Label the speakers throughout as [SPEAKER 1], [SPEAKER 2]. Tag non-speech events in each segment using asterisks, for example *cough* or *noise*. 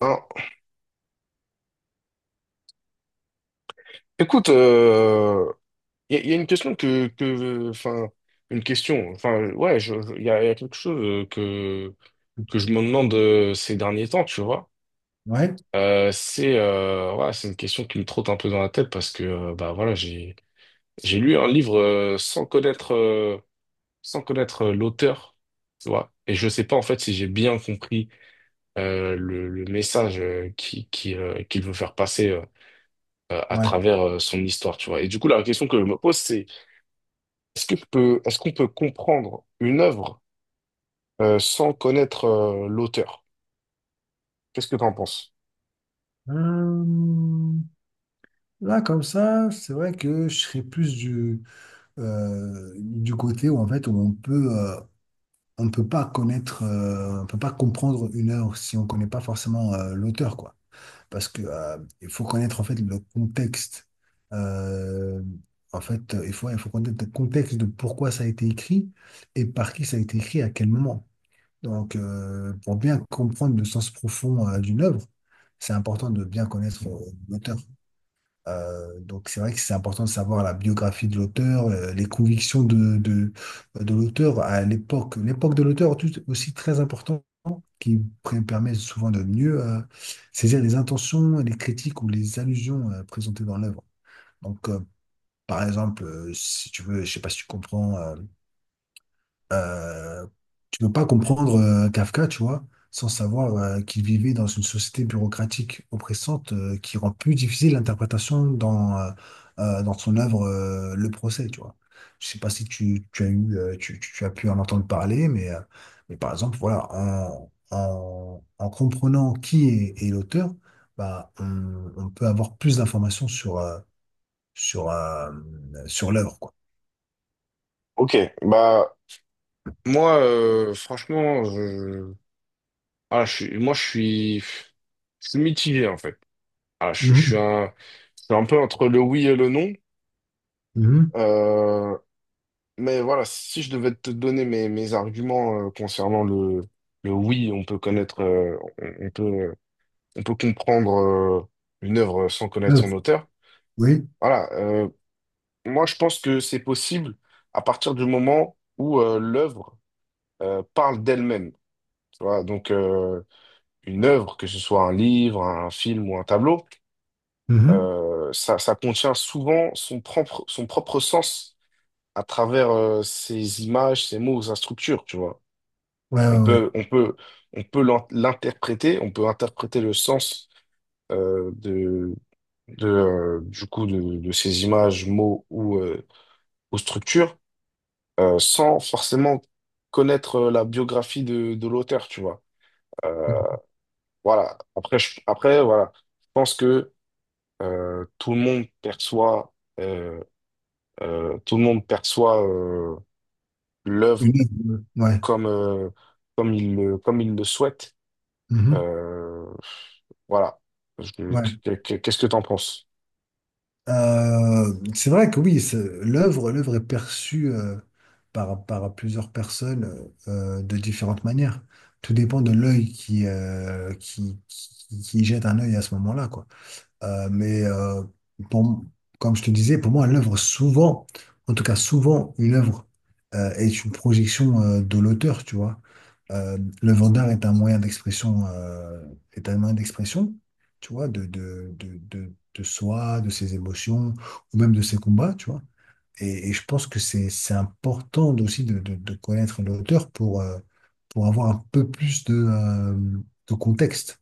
[SPEAKER 1] Alors, écoute, il y a une question une question, enfin, ouais, il y a quelque chose que je me demande ces derniers temps, tu vois.
[SPEAKER 2] Ouais,
[SPEAKER 1] Ouais, c'est une question qui me trotte un peu dans la tête parce que, bah voilà, j'ai lu un livre sans connaître l'auteur, tu vois. Et je sais pas en fait si j'ai bien compris le message qui qu'il veut faire passer à
[SPEAKER 2] ouais.
[SPEAKER 1] travers son histoire, tu vois. Et du coup, la question que je me pose, c'est est-ce que est-ce qu'on peut comprendre une œuvre sans connaître l'auteur? Qu'est-ce que tu en penses?
[SPEAKER 2] Euh, Là, comme ça, c'est vrai que je serais plus du côté où en fait où on on peut pas on peut pas comprendre une œuvre si on connaît pas forcément l'auteur, quoi. Parce que il faut connaître en fait le contexte. Euh, en fait, il faut connaître le contexte de pourquoi ça a été écrit et par qui ça a été écrit à quel moment. Donc, pour bien comprendre le sens profond d'une œuvre, c'est important de bien connaître l'auteur. Donc, c'est vrai que c'est important de savoir la biographie de l'auteur, les convictions de l'auteur à l'époque. L'époque de l'auteur est tout aussi très importante, qui permet souvent de mieux saisir les intentions, les critiques ou les allusions présentées dans l'œuvre. Donc, par exemple, si tu veux, je sais pas si tu comprends euh, tu ne peux pas comprendre Kafka, tu vois, sans savoir qu'il vivait dans une société bureaucratique oppressante qui rend plus difficile l'interprétation dans dans son œuvre Le Procès, tu vois. Je sais pas si tu as eu, tu as pu en entendre parler, mais mais par exemple, voilà, en comprenant est l'auteur, bah, on peut avoir plus d'informations sur, euh, sur l'œuvre, quoi.
[SPEAKER 1] Ok, bah moi franchement, je... Ah, je suis mitigé en fait. Je suis
[SPEAKER 2] Mhm,
[SPEAKER 1] je suis un peu entre le oui et le non.
[SPEAKER 2] mhm.
[SPEAKER 1] Euh, mais voilà, si je devais te donner mes arguments concernant le oui, on peut on peut comprendre euh, une œuvre sans connaître son
[SPEAKER 2] L'œuvre,
[SPEAKER 1] auteur.
[SPEAKER 2] oui.
[SPEAKER 1] Voilà, moi, je pense que c'est possible à partir du moment où l'œuvre parle d'elle-même. Tu vois, donc une œuvre, que ce soit un livre, un film ou un tableau, ça contient souvent son propre sens à travers ses images, ses mots, sa structure. Tu vois,
[SPEAKER 2] Ouais,
[SPEAKER 1] on
[SPEAKER 2] ouais, ouais.
[SPEAKER 1] peut, on peut, on peut l'interpréter, on peut interpréter le sens euh, de, de, du coup de ces images, mots ou structures sans forcément connaître la biographie de l'auteur, tu vois. Euh,
[SPEAKER 2] Mhm.
[SPEAKER 1] voilà. Après, voilà. Je pense que euh, tout le monde perçoit, euh, tout le monde perçoit l'œuvre
[SPEAKER 2] Une œuvre, ouais.
[SPEAKER 1] comme, comme il le souhaite.
[SPEAKER 2] Mhm.
[SPEAKER 1] Euh, voilà. Je-
[SPEAKER 2] Ouais.
[SPEAKER 1] Qu'est-ce que tu en penses?
[SPEAKER 2] C'est vrai que oui, l'œuvre, l'œuvre est perçue par, par plusieurs personnes de différentes manières. Tout dépend de l'œil qui qui, jette un œil à ce moment-là, quoi. Mais pour- comme je te disais, pour moi, l'œuvre, souvent, en tout cas souvent, une œuvre est une projection de l'auteur, tu vois. L'œuvre d'art est un moyen d'expression, est un moyen d'expression, tu vois, de soi, de ses émotions, ou même de ses combats, tu vois. Et je pense que c'est important aussi de connaître l'auteur pour avoir un peu plus de contexte.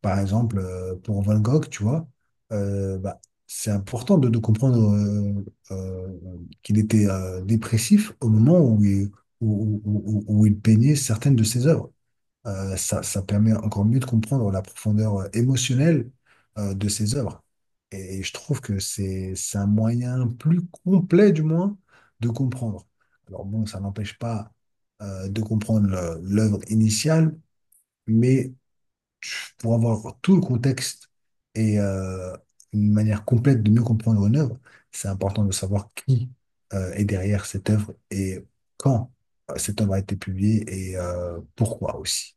[SPEAKER 2] Par exemple, pour Van Gogh, tu vois, bah, c'est important de comprendre euh, qu'il était dépressif au moment où où il peignait certaines de ses œuvres. Ça ça, permet encore mieux de comprendre la profondeur émotionnelle de ses œuvres. Et je trouve que c'est un moyen plus complet, du moins, de comprendre. Alors bon, ça n'empêche pas de comprendre l'œuvre initiale, mais pour avoir tout le contexte et une manière complète de mieux comprendre une œuvre, c'est important de savoir qui est derrière cette œuvre et quand cette œuvre a été publiée et pourquoi aussi.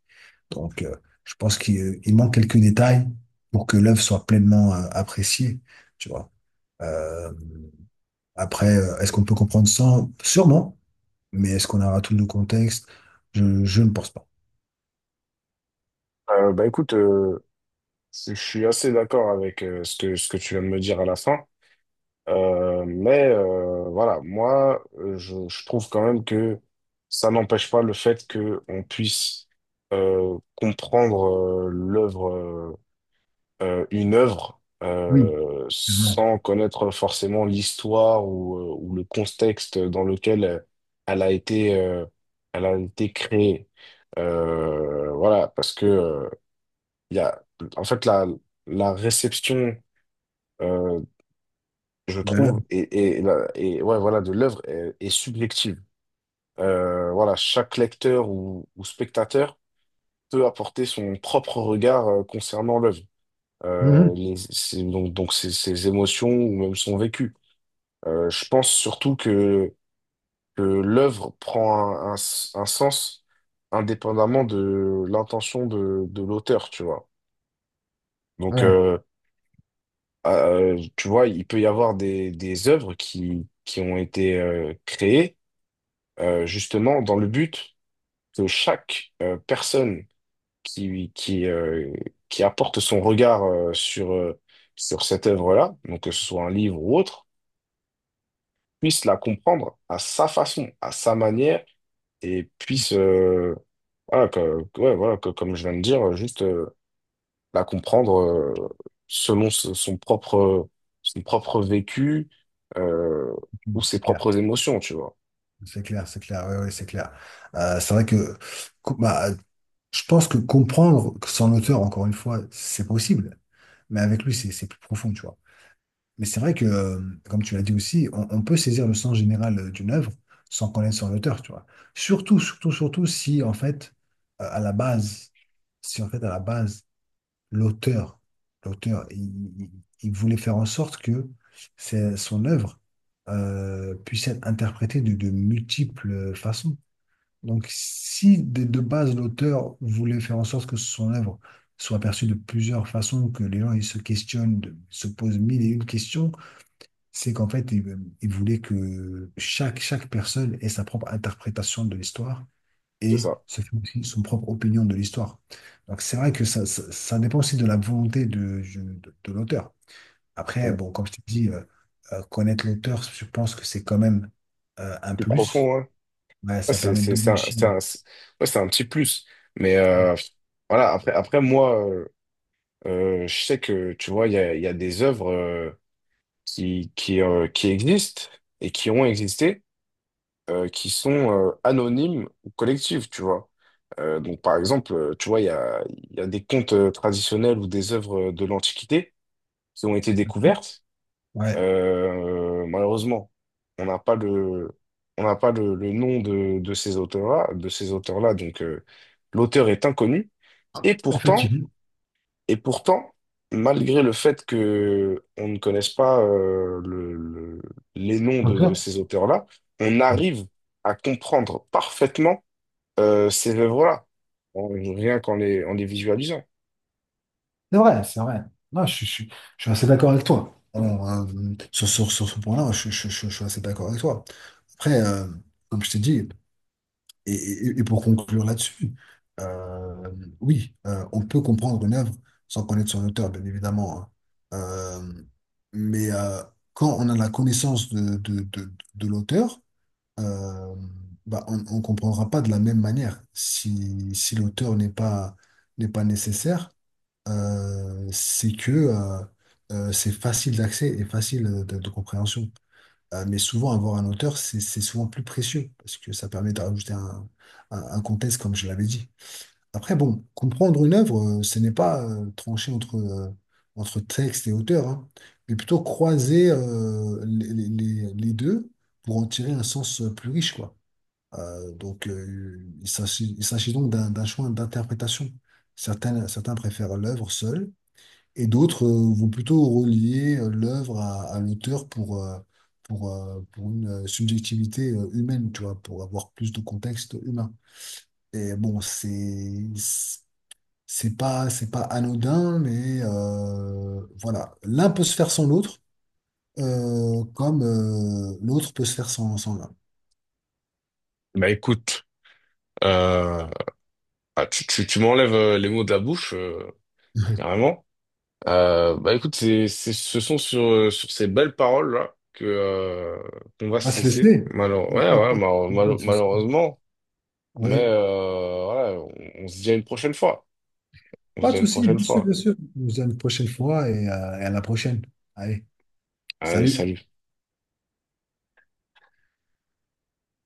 [SPEAKER 2] Donc, je pense qu'il il manque quelques détails pour que l'œuvre soit pleinement appréciée, tu vois. Euh, après, est-ce qu'on peut comprendre sans? Sûrement. Mais est-ce qu'on aura tout le contexte? Je ne pense pas.
[SPEAKER 1] Bah écoute, je suis assez d'accord avec ce que tu viens de me dire à la fin. Voilà, je trouve quand même que ça n'empêche pas le fait qu'on puisse comprendre une œuvre,
[SPEAKER 2] Oui, tellement.
[SPEAKER 1] sans connaître forcément l'histoire ou le contexte dans lequel elle a été, euh, elle a été créée. Voilà, parce que il y a, en fait, la réception euh, je
[SPEAKER 2] De là-
[SPEAKER 1] trouve, ouais, voilà, de est subjective. Voilà, chaque lecteur ou spectateur peut apporter son propre regard concernant l'œuvre,
[SPEAKER 2] mhm.
[SPEAKER 1] donc ses, ses émotions ou même son vécu. Je pense surtout que l'œuvre prend un sens indépendamment de l'intention de l'auteur, tu vois. Donc,
[SPEAKER 2] Ouais,
[SPEAKER 1] euh, tu vois, il peut y avoir des œuvres qui ont été créées justement dans le but que chaque personne qui, qui, euh, qui apporte son regard sur cette œuvre-là, donc que ce soit un livre ou autre, puisse la comprendre à sa façon, à sa manière, et puisse, voilà, ouais, voilà, que, comme je viens de dire, juste la comprendre selon son propre vécu euh, ou ses
[SPEAKER 2] c'est clair,
[SPEAKER 1] propres émotions, tu vois.
[SPEAKER 2] c'est clair, c'est clair, ouais, ouais, c'est clair. C'est vrai que bah, je pense que comprendre que son auteur, encore une fois, c'est possible, mais avec lui, c'est plus profond, tu vois. Mais c'est vrai que, comme tu l'as dit aussi, on peut saisir le sens général d'une œuvre sans connaître son auteur, tu vois. Surtout, surtout, surtout si, en fait, à la base, si, en fait, à la base, l'auteur, l'auteur, il il- voulait faire en sorte que son œuvre puisse être interprétée de multiples façons. Donc, si de base, l'auteur voulait faire en sorte que son œuvre soit perçue de plusieurs façons, que les gens ils se questionnent, se posent mille et une questions, c'est qu'en fait, il voulait que chaque personne ait sa propre interprétation de l'histoire
[SPEAKER 1] C'est
[SPEAKER 2] et
[SPEAKER 1] ça.
[SPEAKER 2] se fait aussi son propre opinion de l'histoire. Donc, c'est vrai que ça dépend aussi de la volonté de l'auteur. Après,
[SPEAKER 1] Ouais.
[SPEAKER 2] bon, comme je t'ai dit, connaître l'auteur, je pense que c'est quand même un
[SPEAKER 1] Plus
[SPEAKER 2] plus.
[SPEAKER 1] profond, ouais.
[SPEAKER 2] Ouais,
[SPEAKER 1] Ouais,
[SPEAKER 2] ça permet d'enrichir.
[SPEAKER 1] ouais, c'est un petit plus. Mais euh, voilà, je sais que, tu vois, il y a des œuvres qui existent et qui ont existé, qui sont anonymes ou collectives, tu vois. Donc, par exemple, il y a des contes traditionnels ou des œuvres de l'Antiquité qui ont été découvertes.
[SPEAKER 2] Ouais,
[SPEAKER 1] Malheureusement, on n'a pas le, on n'a pas le nom de ces auteurs-là, donc l'auteur est inconnu. Et pourtant,
[SPEAKER 2] effectivement.
[SPEAKER 1] et pourtant, malgré le fait que on ne connaisse pas les noms de
[SPEAKER 2] D'accord.
[SPEAKER 1] ces auteurs-là, on arrive à comprendre parfaitement ces œuvres-là, rien qu'en les, en les visualisant.
[SPEAKER 2] C'est vrai, c'est vrai. Non, je suis assez d'accord avec toi. Alors, sur ce point-là, je suis assez d'accord avec toi. Après, comme je t'ai dit, et pour conclure là-dessus, euh, oui, on peut comprendre une œuvre sans connaître son auteur, bien évidemment, hein. Euh, mais quand on a la connaissance de l'auteur, euh, bah, on ne comprendra pas de la même manière. Si l'auteur n'est pas, n'est pas nécessaire, c'est que c'est facile d'accès et facile de compréhension. Mais souvent, avoir un auteur, c'est souvent plus précieux parce que ça permet de rajouter un contexte, comme je l'avais dit. Après, bon, comprendre une œuvre, ce n'est pas trancher entre, entre texte et auteur, hein, mais plutôt croiser les, les deux pour en tirer un sens plus riche, quoi. Donc, il s'agit donc d'un choix d'interprétation. Certains, certains préfèrent l'œuvre seule et d'autres vont plutôt relier l'œuvre à l'auteur pour une subjectivité humaine, tu vois, pour avoir plus de contexte humain. Et bon, c'est pas anodin, mais voilà, l'un peut se faire sans l'autre, comme l'autre peut se faire sans l'un.
[SPEAKER 1] Bah écoute, euh, tu m'enlèves les mots de la bouche, carrément. Bah écoute, ce sont sur, sur ces belles paroles-là que, qu'on va
[SPEAKER 2] On va
[SPEAKER 1] se
[SPEAKER 2] se
[SPEAKER 1] laisser.
[SPEAKER 2] laisser.
[SPEAKER 1] Ouais, ouais,
[SPEAKER 2] *laughs*
[SPEAKER 1] malheureusement.
[SPEAKER 2] Oui,
[SPEAKER 1] On se dit à une prochaine fois. On se
[SPEAKER 2] pas
[SPEAKER 1] dit
[SPEAKER 2] de
[SPEAKER 1] à une
[SPEAKER 2] souci,
[SPEAKER 1] prochaine
[SPEAKER 2] bien sûr,
[SPEAKER 1] fois.
[SPEAKER 2] bien sûr. On se dit à une prochaine fois et à la prochaine. Allez,
[SPEAKER 1] Allez,
[SPEAKER 2] salut.
[SPEAKER 1] salut.